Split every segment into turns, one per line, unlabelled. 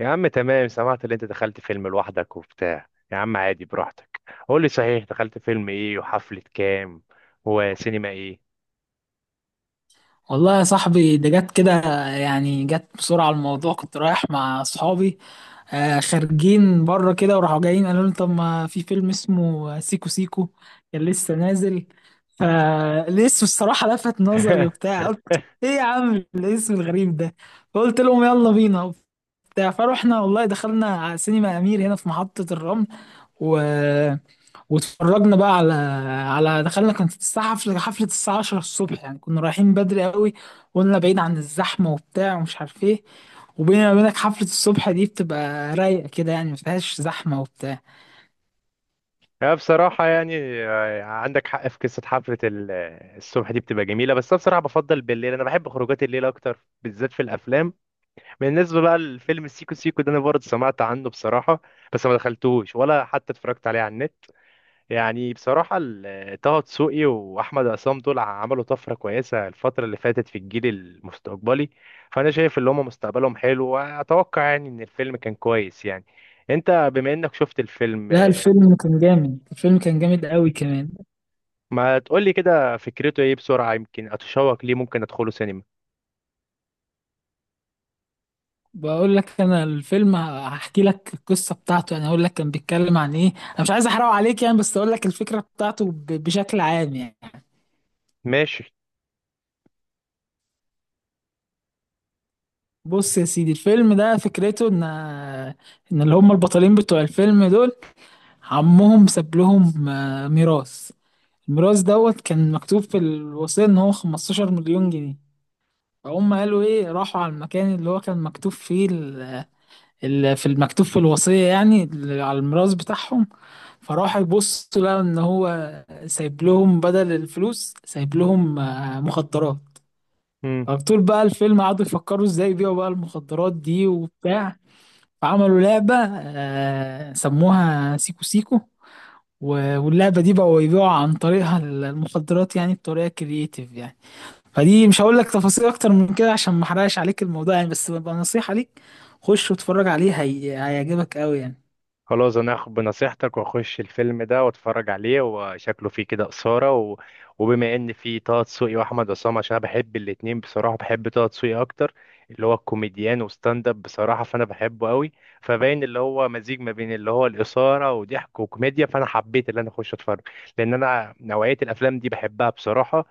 يا عم تمام، سمعت اللي انت دخلت فيلم لوحدك وبتاع. يا عم عادي، براحتك. قول لي صحيح، دخلت فيلم ايه وحفلة كام وسينما ايه؟
والله يا صاحبي ده جت كده. يعني جت بسرعة الموضوع. كنت رايح مع صحابي، خارجين بره كده وراحوا جايين قالوا لي طب ما في فيلم اسمه سيكو سيكو، كان لسه نازل. فالاسم الصراحة لفت نظري وبتاع. قلت ايه يا عم الاسم الغريب ده؟ فقلت لهم يلا بينا وبتاع. فروحنا والله دخلنا على سينما أمير هنا في محطة الرمل، و واتفرجنا بقى على دخلنا كانت الساعة، حفلة الساعة 10 الصبح، يعني كنا رايحين بدري قوي. قلنا بعيد عن الزحمة وبتاع ومش عارف ايه. وبيني وبينك حفلة الصبح دي بتبقى رايقة كده، يعني مفيهاش زحمة وبتاع.
يا بصراحة عندك حق في قصة حفلة الصبح دي، بتبقى جميلة، بس أنا بصراحة بفضل بالليل، أنا بحب خروجات الليل أكتر بالذات في الأفلام. بالنسبة بقى للفيلم السيكو سيكو ده، أنا برضه سمعت عنه بصراحة، بس ما دخلتوش ولا حتى اتفرجت عليه على النت. يعني بصراحة طه دسوقي وأحمد عصام دول عملوا طفرة كويسة الفترة اللي فاتت في الجيل المستقبلي. فأنا شايف إن هما مستقبلهم حلو، وأتوقع يعني إن الفيلم كان كويس يعني. أنت بما إنك شفت الفيلم،
لا، الفيلم كان جامد، الفيلم كان جامد قوي كمان.
ما تقولي كده فكرته إيه بسرعة، يمكن أتشوق ليه ممكن أدخله سينما.
بقول لك انا، الفيلم هحكي لك القصة بتاعته، يعني اقول لك كان بيتكلم عن ايه. انا مش عايز احرقه عليك يعني، بس اقول لك الفكرة بتاعته بشكل عام يعني.
ماشي.
بص يا سيدي، الفيلم ده فكرته ان اللي هم البطلين بتوع الفيلم دول، عمهم ساب لهم ميراث. الميراث دوت كان مكتوب في الوصية ان هو 15 مليون جنيه. فهم قالوا ايه، راحوا على المكان اللي هو كان مكتوب فيه في المكتوب في الوصية، يعني على الميراث بتاعهم. فراحوا يبصوا لقوا ان هو سايب لهم بدل الفلوس، سايب لهم مخدرات. فطول بقى الفيلم قعدوا يفكروا ازاي يبيعوا بقى المخدرات دي وبتاع. فعملوا لعبة، سموها سيكو سيكو. واللعبة دي بقوا يبيعوا عن طريقها المخدرات، يعني بطريقة كرييتيف يعني. فدي مش هقول لك تفاصيل أكتر من كده عشان ما أحرقش عليك الموضوع يعني، بس ببقى نصيحة ليك، خش واتفرج عليه، هيعجبك أوي يعني.
خلاص انا هاخد بنصيحتك واخش الفيلم ده واتفرج عليه، وشكله فيه كده اثاره وبما ان فيه طه دسوقي واحمد عصام، عشان انا بحب الاتنين، بصراحه بحب طه دسوقي اكتر، اللي هو الكوميديان وستاند اب، بصراحه فانا بحبه قوي. فباين اللي هو مزيج ما بين اللي هو الاثاره وضحك وكوميديا، فانا حبيت اللي انا اخش اتفرج، لان انا نوعيه الافلام دي بحبها بصراحه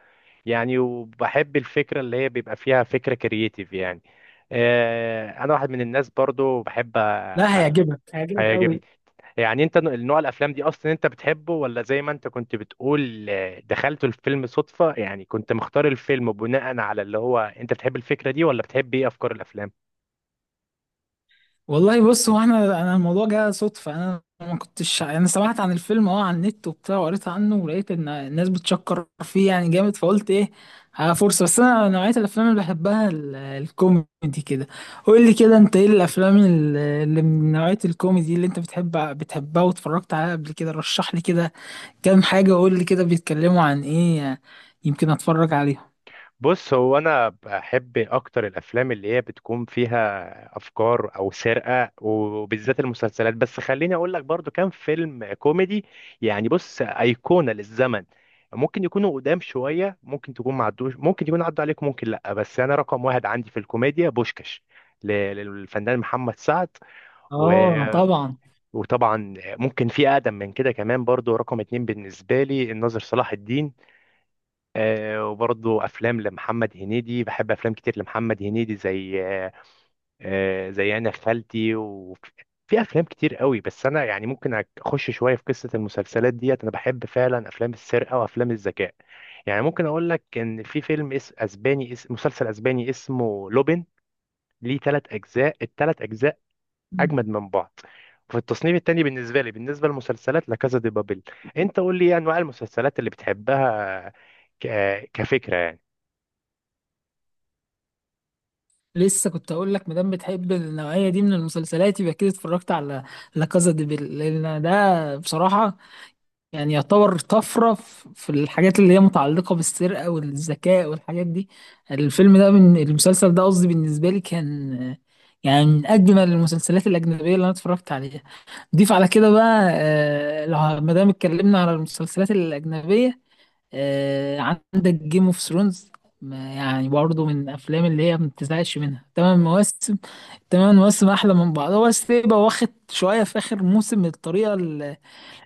يعني. وبحب الفكره اللي هي بيبقى فيها فكره كرييتيف يعني. آه، انا واحد من الناس برضو بحب
لا،
أ-
هيعجبك هيعجبك
هيعجبني.
أوي.
يعني انت النوع الافلام دي اصلا انت بتحبه، ولا زي ما انت كنت بتقول آه، دخلت الفيلم صدفة، يعني كنت مختار الفيلم بناء على اللي هو انت بتحب الفكرة دي، ولا بتحب ايه افكار الافلام؟
والله بص، هو احنا الموضوع جه صدفه، انا ما كنتش، انا سمعت عن الفيلم اه على النت وبتاع وقريت عنه ولقيت ان الناس بتشكر فيه يعني جامد. فقلت ايه، ها فرصه. بس انا نوعيه الافلام اللي بحبها الكوميدي كده. قول لي كده، انت ايه الافلام اللي من نوعيه الكوميدي اللي انت بتحبها واتفرجت عليها قبل كده؟ رشح لي كده كام حاجه، وقول لي كده بيتكلموا عن ايه، يمكن اتفرج عليهم.
بص، هو انا بحب اكتر الافلام اللي هي بتكون فيها افكار او سرقه، وبالذات المسلسلات، بس خليني اقول لك برضو كام فيلم كوميدي يعني. بص، ايقونه للزمن، ممكن يكونوا قدام شويه، ممكن تكون معدوش، ممكن يكون عدوا عليك، ممكن لا، بس انا رقم واحد عندي في الكوميديا بوشكش للفنان محمد سعد. و...
اه طبعا.
وطبعا ممكن في اقدم من كده كمان، برضو رقم اتنين بالنسبه لي الناظر صلاح الدين. آه، وبرضه افلام لمحمد هنيدي، بحب افلام كتير لمحمد هنيدي، زي آه، زي انا خالتي، وفي افلام كتير قوي. بس انا يعني ممكن اخش شويه في قصه المسلسلات ديت، انا بحب فعلا افلام السرقه وافلام الذكاء يعني. ممكن اقول لك ان في فيلم اسباني، مسلسل اسباني اسمه لوبين، ليه ثلاث اجزاء، الثلاث اجزاء اجمد من بعض. وفي التصنيف التاني بالنسبه لي، بالنسبه للمسلسلات، لا كازا دي بابل. انت قول لي ايه انواع المسلسلات اللي بتحبها كفكره يعني؟
لسه كنت اقول لك، مادام بتحب النوعيه دي من المسلسلات، يبقى كده اتفرجت على لا كازا دي بيل، لان ده بصراحه يعني يعتبر طفره في الحاجات اللي هي متعلقه بالسرقه والذكاء والحاجات دي. الفيلم ده، من المسلسل ده قصدي، بالنسبه لي كان يعني من اجمل المسلسلات الاجنبيه اللي انا اتفرجت عليها. ضيف على كده بقى، لو مادام اتكلمنا على المسلسلات الاجنبيه، عندك جيم اوف ثرونز، يعني برضه من الافلام اللي هي ما بتزهقش منها. تمن مواسم، تمن مواسم احلى من بعض. هو بس يبقى واخد شويه في اخر موسم، الطريقه اللي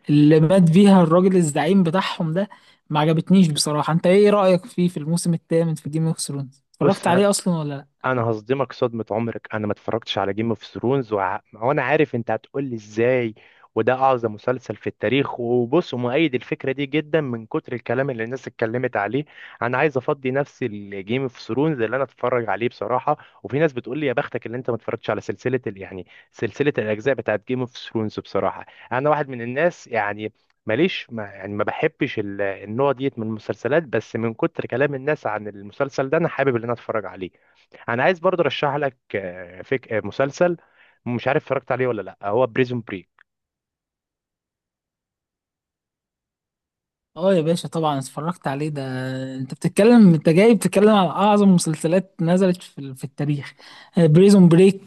اللي مات بيها الراجل الزعيم بتاعهم ده ما عجبتنيش بصراحه. انت ايه رايك فيه في الموسم الثامن في جيم اوف ثرونز،
بص
اتفرجت
انا،
عليه اصلا ولا لا؟
انا هصدمك صدمة عمرك، انا ما اتفرجتش على جيم اوف ثرونز. وانا عارف انت هتقول لي ازاي، وده اعظم مسلسل في التاريخ، وبص، مؤيد الفكرة دي جدا من كتر الكلام اللي الناس اتكلمت عليه. انا عايز افضي نفسي الجيم اوف ثرونز اللي انا اتفرج عليه بصراحة. وفي ناس بتقول لي يا بختك اللي انت ما اتفرجتش على سلسلة يعني سلسلة الاجزاء بتاعت جيم اوف ثرونز. بصراحة انا واحد من الناس يعني ماليش ما بحبش النوع ديت من المسلسلات، بس من كتر كلام الناس عن المسلسل ده انا حابب ان انا اتفرج عليه. انا عايز برضه ارشح لك آه، فيك آه، مسلسل، مش عارف اتفرجت عليه ولا لا، هو بريزون بريك.
اه يا باشا، طبعا اتفرجت عليه ده. انت بتتكلم، انت جاي بتتكلم على اعظم مسلسلات نزلت في التاريخ. بريزون بريك،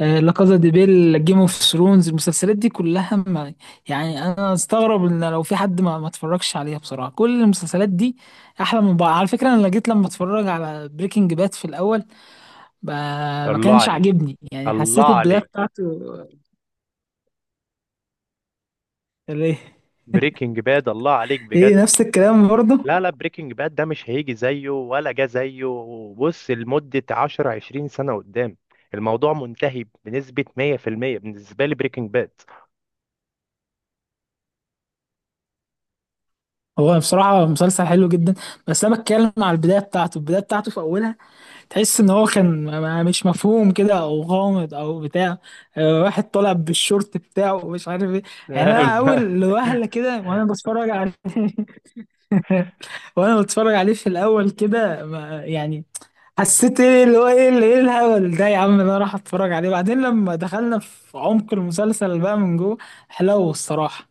لا كازا دي بيل، جيم اوف ثرونز، المسلسلات دي كلها ما، يعني انا استغرب ان لو في حد ما اتفرجش عليها بصراحه. كل المسلسلات دي احلى من بعض. على فكره، انا جيت لما اتفرج على بريكنج باد في الاول ب- ما
الله
كانش
عليك.
عاجبني، يعني
الله
حسيت البدايه
عليك،
بتاعته ليه.
بريكنج باد، الله عليك
إيه
بجد.
نفس الكلام برضه.
لا، بريكنج باد ده مش هيجي زيه ولا جه زيه. بص، لمدة 10 20 سنة قدام، الموضوع منتهي بنسبة 100% بالنسبة لي بريكنج باد.
هو بصراحة مسلسل حلو جدا، بس أنا بتكلم على البداية بتاعته، البداية بتاعته في أولها تحس إن هو كان مش مفهوم كده أو غامض أو بتاع، واحد طالع بالشورت بتاعه ومش عارف إيه. يعني أنا أول وهلة كده وأنا بتفرج عليه وأنا بتفرج عليه في الأول كده يعني حسيت إيه اللي هو إيه اللي إيه الهبل ده يا عم، أنا راح أتفرج عليه. بعدين لما دخلنا في عمق المسلسل بقى من جوه، حلو الصراحة.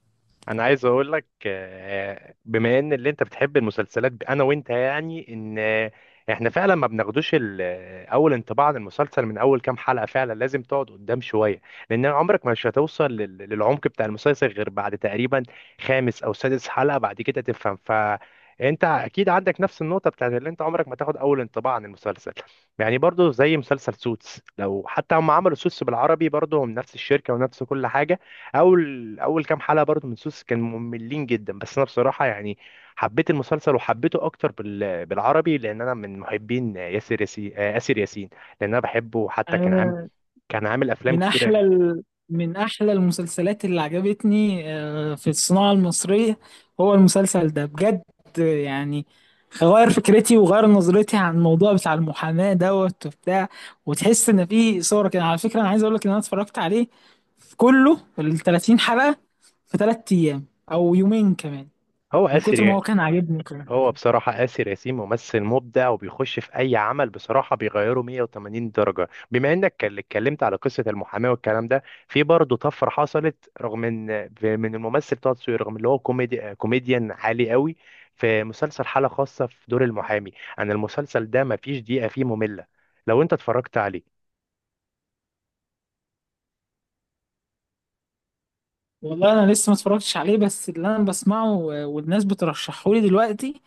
انا عايز اقول لك آه، بما ان اللي انت بتحب المسلسلات، انا وانت يعني ان آه، احنا فعلا ما بناخدوش اول انطباع عن المسلسل من اول كام حلقة، فعلا لازم تقعد قدام شوية. لان عمرك مش هتوصل للعمق بتاع المسلسل غير بعد تقريبا خامس او سادس حلقة، بعد كده تفهم. فانت اكيد عندك نفس النقطة بتاعت اللي انت عمرك ما تاخد اول انطباع عن المسلسل. يعني برضو زي مسلسل سوتس، لو حتى هم عملوا سوتس بالعربي، برضو هم نفس الشركة ونفس كل حاجة. اول كام حلقه برضو من سوس كانوا مملين جدا، بس انا بصراحه يعني حبيت المسلسل، وحبيته اكتر بالعربي، لان انا من محبين ياسر ياسين آه، اسر ياسين، لان انا بحبه. حتى كان عامل، كان عامل افلام
من احلى
كتيره.
ال... من احلى المسلسلات اللي عجبتني، في الصناعة المصرية، هو المسلسل ده بجد. يعني غير فكرتي وغير نظرتي عن الموضوع بتاع المحاماة دوت وبتاع، وتحس ان في صورة كده. على فكرة، انا عايز اقول لك ان انا اتفرجت عليه في كله ال 30 حلقة في 3 ايام او يومين كمان،
هو
من كتر ما
اسر،
هو كان عاجبني كمان.
هو بصراحة آسر ياسين ممثل مبدع، وبيخش في أي عمل بصراحة بيغيره 180 درجة. بما إنك اتكلمت على قصة المحاماة والكلام ده، في برضه طفرة حصلت، رغم إن من الممثل طه دسوقي، رغم اللي هو كوميديان عالي قوي، في مسلسل حالة خاصة في دور المحامي. أنا المسلسل ده مفيش دقيقة فيه مملة لو أنت اتفرجت عليه.
والله انا لسه ما اتفرجتش عليه، بس اللي انا بسمعه، والناس بترشحه لي دلوقتي،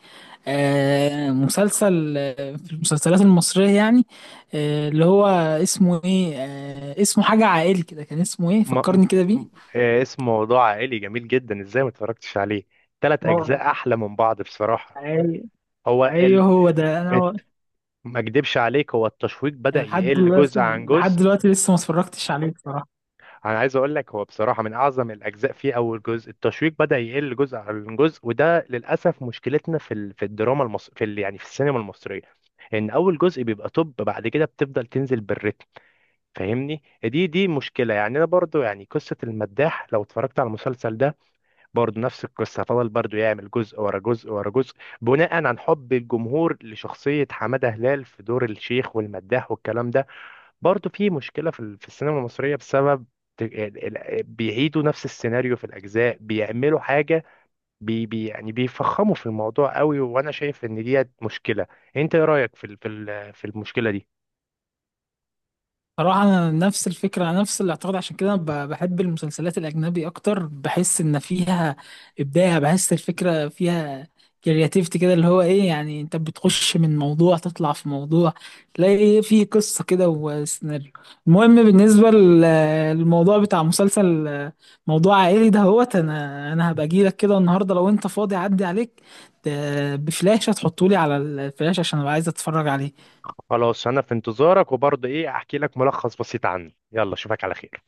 مسلسل، في المسلسلات المصرية يعني، اللي هو اسمه ايه، اسمه حاجة عائلي كده، كان اسمه ايه
ما م-
فكرني كده بيه.
م- آه، اسمه موضوع عائلي، جميل جدا، إزاي ما اتفرجتش عليه؟ تلات
مو-
أجزاء أحلى من بعض بصراحة.
ايوه،
هو
ايوه،
ال...
هو ده انا
آه، ما اكدبش عليك، هو التشويق بدأ
لحد
يقل
دلوقتي،
جزء عن جزء.
لسه ما اتفرجتش عليه بصراحة.
انا عايز اقول لك هو بصراحة من اعظم الاجزاء فيه اول جزء، التشويق بدأ يقل جزء عن جزء، وده للاسف مشكلتنا في الدراما المصرية، يعني في السينما المصرية، ان اول جزء بيبقى توب، بعد كده بتفضل تنزل بالريتم. فاهمني، دي مشكلة يعني. انا برضو يعني قصة المداح، لو اتفرجت على المسلسل ده، برضو نفس القصة، فضل برضو يعمل جزء ورا جزء ورا جزء بناء عن حب الجمهور لشخصية حمادة هلال في دور الشيخ والمداح والكلام ده. برضه في مشكلة في السينما المصرية بسبب بيعيدوا نفس السيناريو في الأجزاء، بيعملوا حاجة بي بي يعني بيفخموا في الموضوع قوي، وأنا شايف إن دي مشكلة. أنت إيه رأيك في المشكلة دي؟
صراحة أنا نفس الفكرة، أنا نفس الاعتقاد، عشان كده أنا بحب المسلسلات الأجنبي أكتر. بحس إن فيها إبداع، بحس الفكرة فيها كرياتيفيتي كده، اللي هو إيه يعني، أنت بتخش من موضوع تطلع في موضوع، تلاقي إيه في قصة كده وسيناريو. المهم بالنسبة للموضوع بتاع مسلسل موضوع عائلي ده هوت. أنا هبقى أجيلك كده النهاردة لو أنت فاضي أعدي عليك ت- بفلاشة، تحطولي على الفلاشة عشان أبقى عايز أتفرج عليه.
خلاص أنا في انتظارك، وبرضه إيه أحكي لك ملخص بسيط عنه. يلا أشوفك على خير.